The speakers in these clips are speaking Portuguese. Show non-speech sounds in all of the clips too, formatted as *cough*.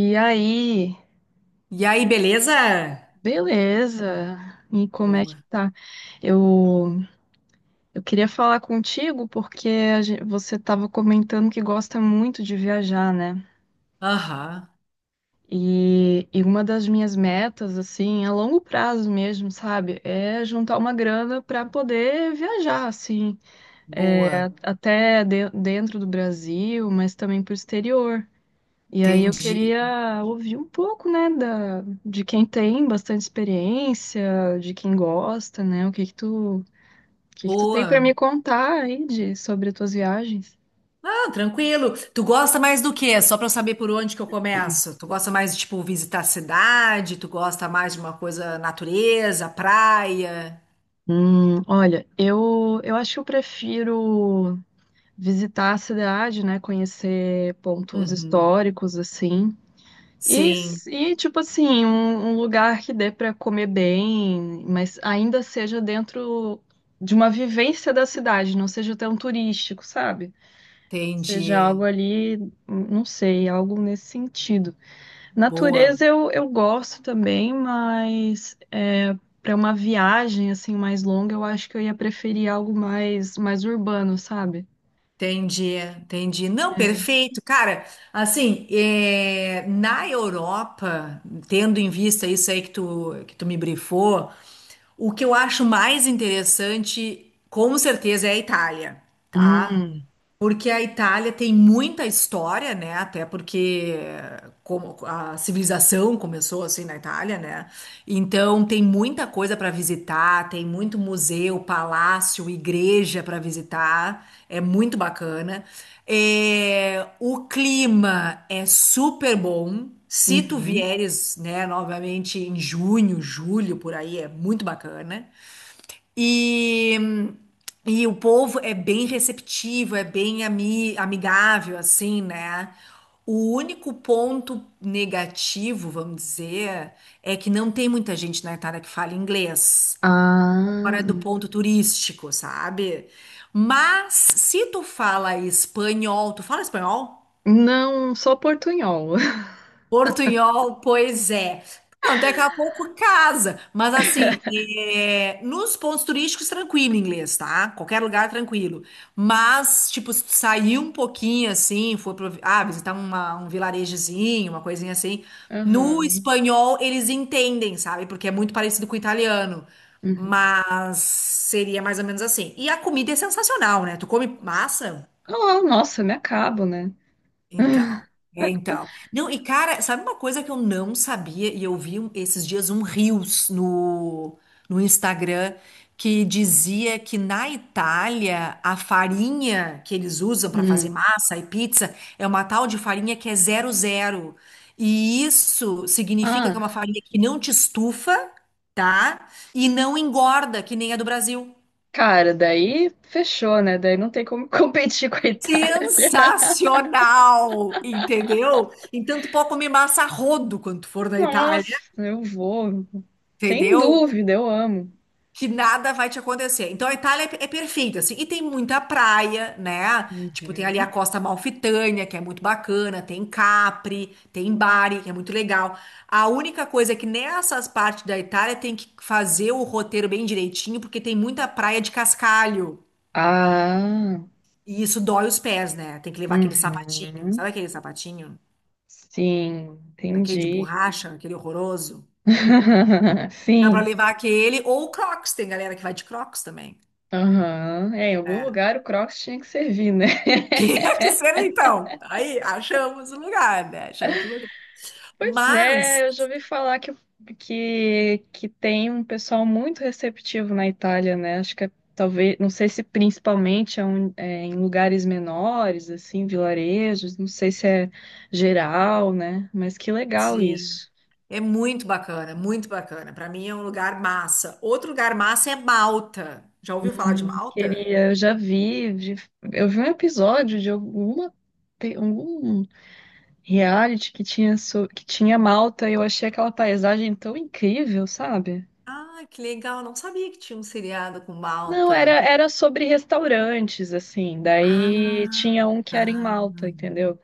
E aí, E aí, beleza? beleza? E como é que Boa. tá? Eu, eu queria falar contigo porque você estava comentando que gosta muito de viajar, né? Aham, E uma das minhas metas, assim, a longo prazo mesmo, sabe? É juntar uma grana para poder viajar, assim, boa. Até dentro do Brasil, mas também para o exterior. E aí eu Entendi. queria ouvir um pouco, né, de quem tem bastante experiência, de quem gosta, né? O que que tu tem para Boa. me contar aí sobre as tuas viagens? Ah, tranquilo. Tu gosta mais do quê? Só pra eu saber por onde que eu começo. Tu gosta mais de, tipo, visitar a cidade? Tu gosta mais de uma coisa natureza, praia? Olha, eu acho que eu prefiro visitar a cidade, né? Conhecer pontos Uhum. históricos, assim. E, Sim, s- e tipo assim, um lugar que dê para comer bem, mas ainda seja dentro de uma vivência da cidade, não seja tão turístico, sabe? Seja algo entendi. ali, não sei, algo nesse sentido. Natureza Boa. eu gosto também, mas é, para uma viagem assim mais longa, eu acho que eu ia preferir algo mais urbano, sabe? Entendi, entendi. Não, perfeito. Cara, assim, é, na Europa, tendo em vista isso aí que tu me brifou, o que eu acho mais interessante, com certeza, é a Itália, tá? Hum, Porque a Itália tem muita história, né? Até porque como a civilização começou assim na Itália, né? Então tem muita coisa para visitar, tem muito museu, palácio, igreja para visitar. É muito bacana. É, o clima é super bom. Se tu uhum. vieres, né, novamente em junho, julho, por aí, é muito bacana. E, e o povo é bem receptivo, é bem amigável, assim, né? O único ponto negativo, vamos dizer, é que não tem muita gente na Itália que fala inglês, Ah, fora do ponto turístico, sabe? Mas se tu fala espanhol, tu fala espanhol? não, só Portunhol. *laughs* Portunhol, pois é. Não, daqui a pouco casa, mas assim, é, nos pontos turísticos, tranquilo inglês, tá? Qualquer lugar, tranquilo. Mas, tipo, se tu sair um pouquinho assim, for pra, visitar um vilarejozinho, uma coisinha assim, no Aham. espanhol eles entendem, sabe? Porque é muito parecido com o italiano. Uhum. Mas seria mais ou menos assim. E a comida é sensacional, né? Tu come massa? Ah, nossa, me acabo, né? Então, é então. Não, e cara, sabe uma coisa que eu não sabia e eu vi esses dias um Reels no Instagram que dizia que na Itália a farinha que eles usam para fazer Hum. massa e pizza é uma tal de farinha que é zero zero. E isso significa que é uma Ah, farinha que não te estufa, tá? E não engorda, que nem a do Brasil. cara, daí fechou, né? Daí não tem como *laughs* competir com a Itália. Sensacional, entendeu? Então tu pode comer massa a rodo quando tu for na Itália, Nossa, eu vou. Sem entendeu? dúvida, eu amo. Que nada vai te acontecer. Então a Itália é perfeita, assim, e tem muita praia, né? Tipo, tem ali a Uhum. Costa Amalfitânia, que é muito bacana, tem Capri, tem Bari, que é muito legal. A única coisa é que nessas partes da Itália tem que fazer o roteiro bem direitinho, porque tem muita praia de cascalho. Ah, E isso dói os pés, né? Tem que levar aquele sapatinho. uhum. Sabe aquele sapatinho? Sim, Aquele de entendi. borracha, aquele horroroso. *laughs* Dá pra Sim. levar aquele ou o Crocs. Tem galera que vai de Crocs também. Aham. É, em algum É. *laughs* lugar o Crocs tinha que servir, né? Tinha que ser então. Aí, achamos o lugar, né? Achamos o lugar. Pois Mas, é, eu já ouvi falar que tem um pessoal muito receptivo na Itália, né? Acho que é, talvez, não sei se principalmente é em lugares menores, assim, vilarejos, não sei se é geral, né? Mas que legal sim, isso. é muito bacana, muito bacana. Pra mim é um lugar massa. Outro lugar massa é Malta. Já ouviu falar de Malta? Queria, eu já vi, eu vi um episódio de algum reality que tinha Malta e eu achei aquela paisagem tão incrível, sabe? Ah, que legal. Não sabia que tinha um seriado com Não, era, Malta. era sobre restaurantes, assim. Daí Ah, tinha um que era em ah, Malta, entendeu?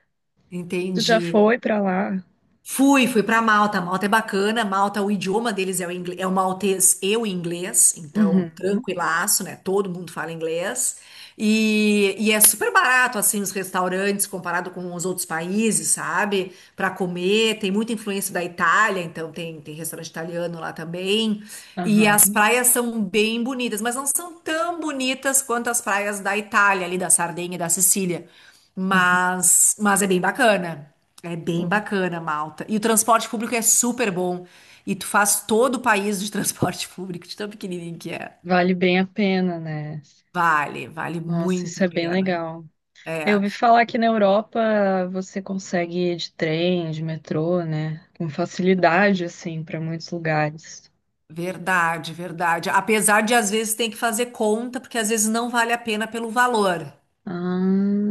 Tu já entendi. foi pra lá? Fui para Malta. Malta é bacana. Malta, o idioma deles é o inglês, é o maltês e o inglês, então Uhum, tranquilaço, né? Todo mundo fala inglês. E é super barato, assim, os restaurantes comparado com os outros países, sabe? Para comer, tem muita influência da Itália, então tem restaurante italiano lá também. E as aham. praias são bem bonitas, mas não são tão bonitas quanto as praias da Itália, ali da Sardenha e da Sicília. Mas é bem bacana. É bem Pô, bacana, Malta. E o transporte público é super bom. E tu faz todo o país de transporte *laughs* público, de tão pequenininho que é. vale bem a pena, né? Vale Nossa, isso muito a é bem pena. legal. É, Eu ouvi falar que na Europa você consegue ir de trem, de metrô, né? Com facilidade, assim, para muitos lugares. verdade, verdade. Apesar de às vezes ter que fazer conta, porque às vezes não vale a pena pelo valor, Ah,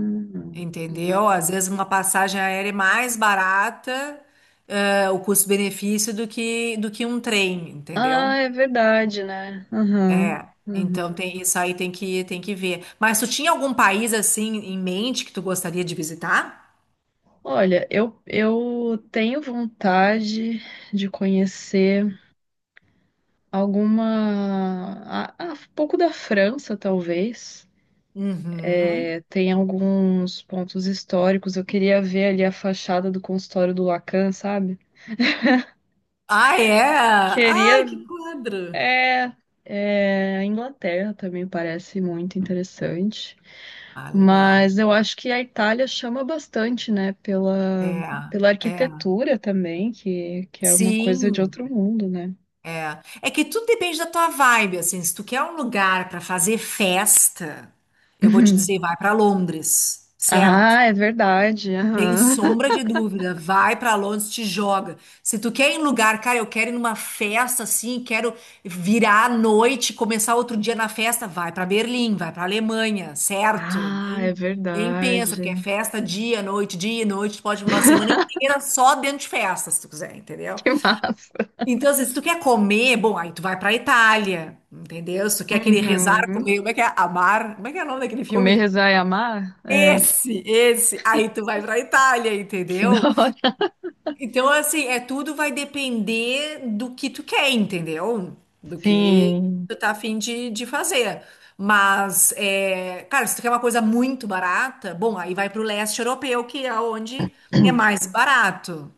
entendeu? uhum. Às vezes uma passagem aérea é mais barata o custo-benefício do que um trem, entendeu? Ah, é verdade, né? Aham, aham. Então tem isso aí tem que ver. Mas tu tinha algum país assim em mente que tu gostaria de visitar? Olha, eu tenho vontade de conhecer alguma. Um pouco da França, talvez. Uhum. É, tem alguns pontos históricos. Eu queria ver ali a fachada do consultório do Lacan, sabe? Ah, é? Queria. Ai, que quadro! É, é, a Inglaterra também parece muito interessante. Ah, legal. Mas eu acho que a Itália chama bastante, né? É, Pela é. arquitetura também, que é uma coisa de Sim, outro mundo, né? é. É que tudo depende da tua vibe, assim. Se tu quer um lugar para fazer festa, eu vou te *laughs* dizer, vai para Londres, certo? Ah, é verdade. Tem Aham. sombra de dúvida. Vai pra Londres, te joga. Se tu quer ir em lugar, cara, eu quero ir numa festa assim, quero virar à noite, começar outro dia na festa, vai pra Berlim, vai pra Alemanha, certo? Ah, Nem, é nem pensa, verdade. porque é *laughs* festa dia, noite, tu pode ir uma semana inteira só dentro de festa, se tu quiser, entendeu? Que massa. Então, assim, se tu quer comer, bom, aí tu vai pra Itália, entendeu? Se tu quer aquele rezar Uhum. comer, como é que é? Amar, como é que é o nome daquele Comer, filme? rezar e amar? É, Esse, esse. Aí tu vai pra Itália, que da entendeu? hora. Então, assim, é tudo vai depender do que tu quer, entendeu? Do que Sim. tu tá afim de fazer. Mas, é, cara, se tu quer uma coisa muito barata, bom, aí vai pro leste europeu, que é onde é mais *clears throat* barato,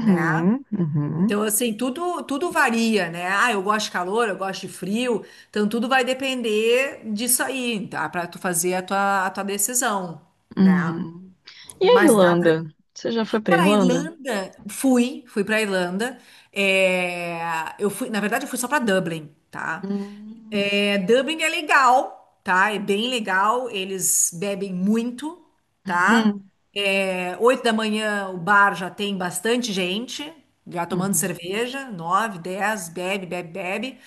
né? uhum, Então, assim, tudo varia, né? Ah, eu gosto de calor, eu gosto de frio. Então, tudo vai depender disso aí, tá? Pra tu fazer a tua decisão, né? uhum. E a Mas dá, pra, Irlanda? Você já foi pra Cara, a Irlanda? Irlanda, fui pra Irlanda. É, eu fui, na verdade, eu fui só pra Dublin, tá? Hum, É, Dublin é legal, tá? É bem legal. Eles bebem muito, tá? Uhum. É, 8 da manhã o bar já tem bastante gente, já tomando Uhum. cerveja. 9, 10, bebe, bebe, bebe.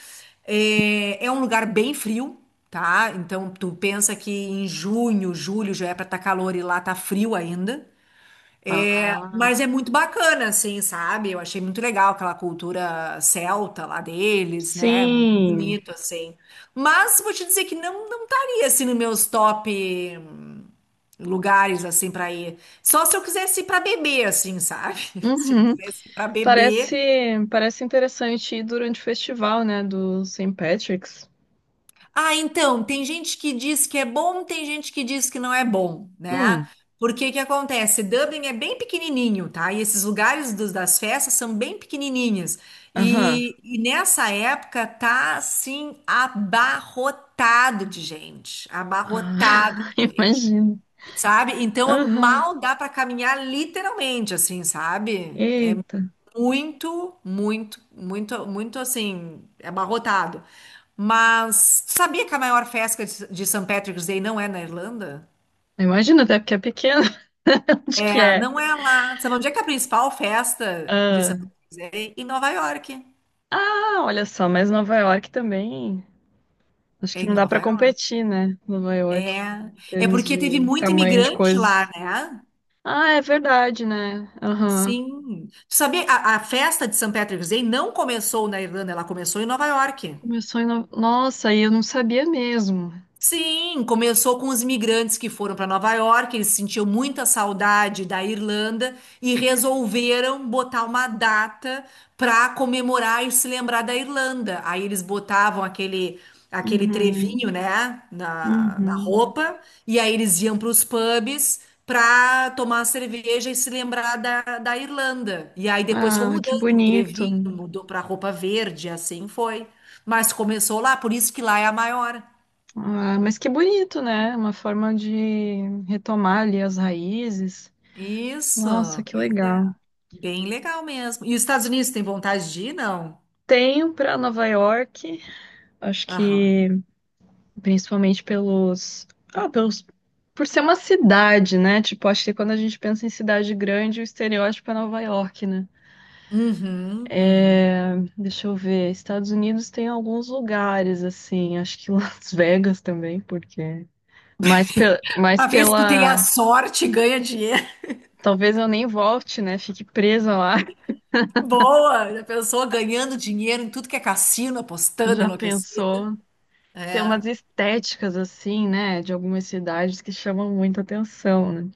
É, é um lugar bem frio, tá? Então tu pensa que em junho, julho já é pra estar calor e lá tá frio ainda. É, Ah, mas é muito bacana, assim, sabe? Eu achei muito legal aquela cultura celta lá deles, né? Muito sim. bonito, assim. Mas vou te dizer que não estaria assim nos meus top lugares assim para ir. Só se eu quisesse ir para beber, assim, sabe? *laughs* Se eu Uhum. quisesse ir para Parece, beber, parece interessante ir durante o festival, né, do St. Patrick's. ah, então, tem gente que diz que é bom, tem gente que diz que não é bom, né? Hum, Porque que acontece? Dublin é bem pequenininho, tá? E esses lugares das festas são bem pequenininhas. aham. E nessa época tá, assim, abarrotado de gente. Abarrotado Ah, *laughs* de gente, imagino. sabe? Então, Aham. mal dá para caminhar literalmente, assim, sabe? Eita. Muito, muito, muito, muito assim, abarrotado. Mas sabia que a maior festa de St. Patrick's Day não é na Irlanda? Imagina até porque é pequena. *laughs* Onde que É, é? não é lá. Sabe onde é que é a principal festa de Ah. St. Patrick's Day? Em Nova York. Ah, olha só, mas Nova York também. Acho É que em não dá Nova pra York. competir, né? Nova York. É. Em É termos porque teve de muito tamanho de imigrante lá, coisas. né? Ah, é verdade, né? Aham. Sim. Tu sabia, a festa de St. Patrick's Day não começou na Irlanda, ela começou em Nova York. Começou em. No... Nossa, e eu não sabia mesmo. Sim, começou com os imigrantes que foram para Nova York, eles sentiam muita saudade da Irlanda e resolveram botar uma data para comemorar e se lembrar da Irlanda. Aí eles botavam aquele Uhum. trevinho, né, na Uhum. roupa, e aí eles iam para os pubs para tomar cerveja e se lembrar da Irlanda. E aí depois foi Ah, que mudando o bonito. trevinho, mudou para roupa verde, assim foi. Mas começou lá, por isso que lá é a maior. Ah, mas que bonito, né? Uma forma de retomar ali as raízes. Isso, Nossa, que pois é. legal. Bem legal mesmo. E os Estados Unidos tem vontade de ir? Não. Tenho para Nova York, acho Aham. que principalmente ah, pelos, por ser uma cidade, né? Tipo, acho que quando a gente pensa em cidade grande, o estereótipo é Nova York, né? Uhum, uhum. É, deixa eu ver, Estados Unidos tem alguns lugares assim, acho que *laughs* Las Vegas também, porque mais pela, mais Pra ver se tu tem a pela, sorte e ganha dinheiro. *laughs* talvez eu nem volte, né? Fique presa lá. *laughs* Boa! Já pensou ganhando dinheiro em tudo que é cassino, apostando, Já enlouquecida? pensou? Que tem É. umas estéticas assim, né, de algumas cidades que chamam muita atenção, né?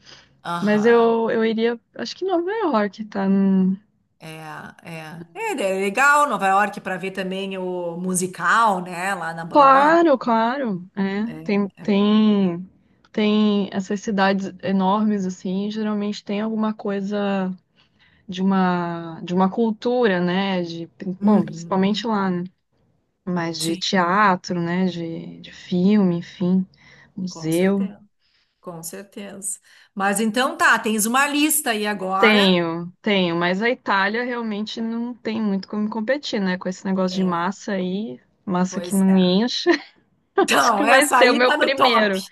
Mas Aham. eu iria, acho que Nova York tá no. É, é. É, é legal Nova York para ver também o musical, né? Lá na Broadway. Claro, claro, é. É, Tem, é. tem, tem essas cidades enormes assim, geralmente tem alguma coisa de uma cultura, né, bom, Uhum, principalmente uhum. lá, né? Mas de Sim, teatro, né, de filme, enfim, com museu. certeza. Com certeza. Mas então tá, tens uma lista aí agora. Tenho, tenho, mas a Itália realmente não tem muito como competir, né? Com esse negócio de É, massa aí, massa que pois não é. enche. *laughs* Acho Então, que vai essa ser o aí meu tá no top. primeiro.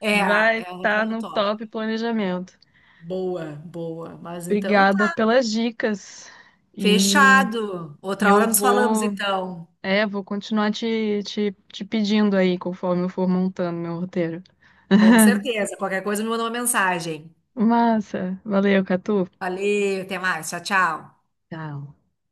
É, Vai ela tá estar no no top. top planejamento. Boa, boa. Mas então Obrigada tá. pelas dicas. E, Fechado. e Outra hora nos falamos, então. Vou continuar te pedindo aí conforme eu for montando meu roteiro. Com *laughs* certeza. Qualquer coisa me manda uma mensagem. Massa, valeu, Catu. Valeu, até mais. Tchau, tchau. Tchau.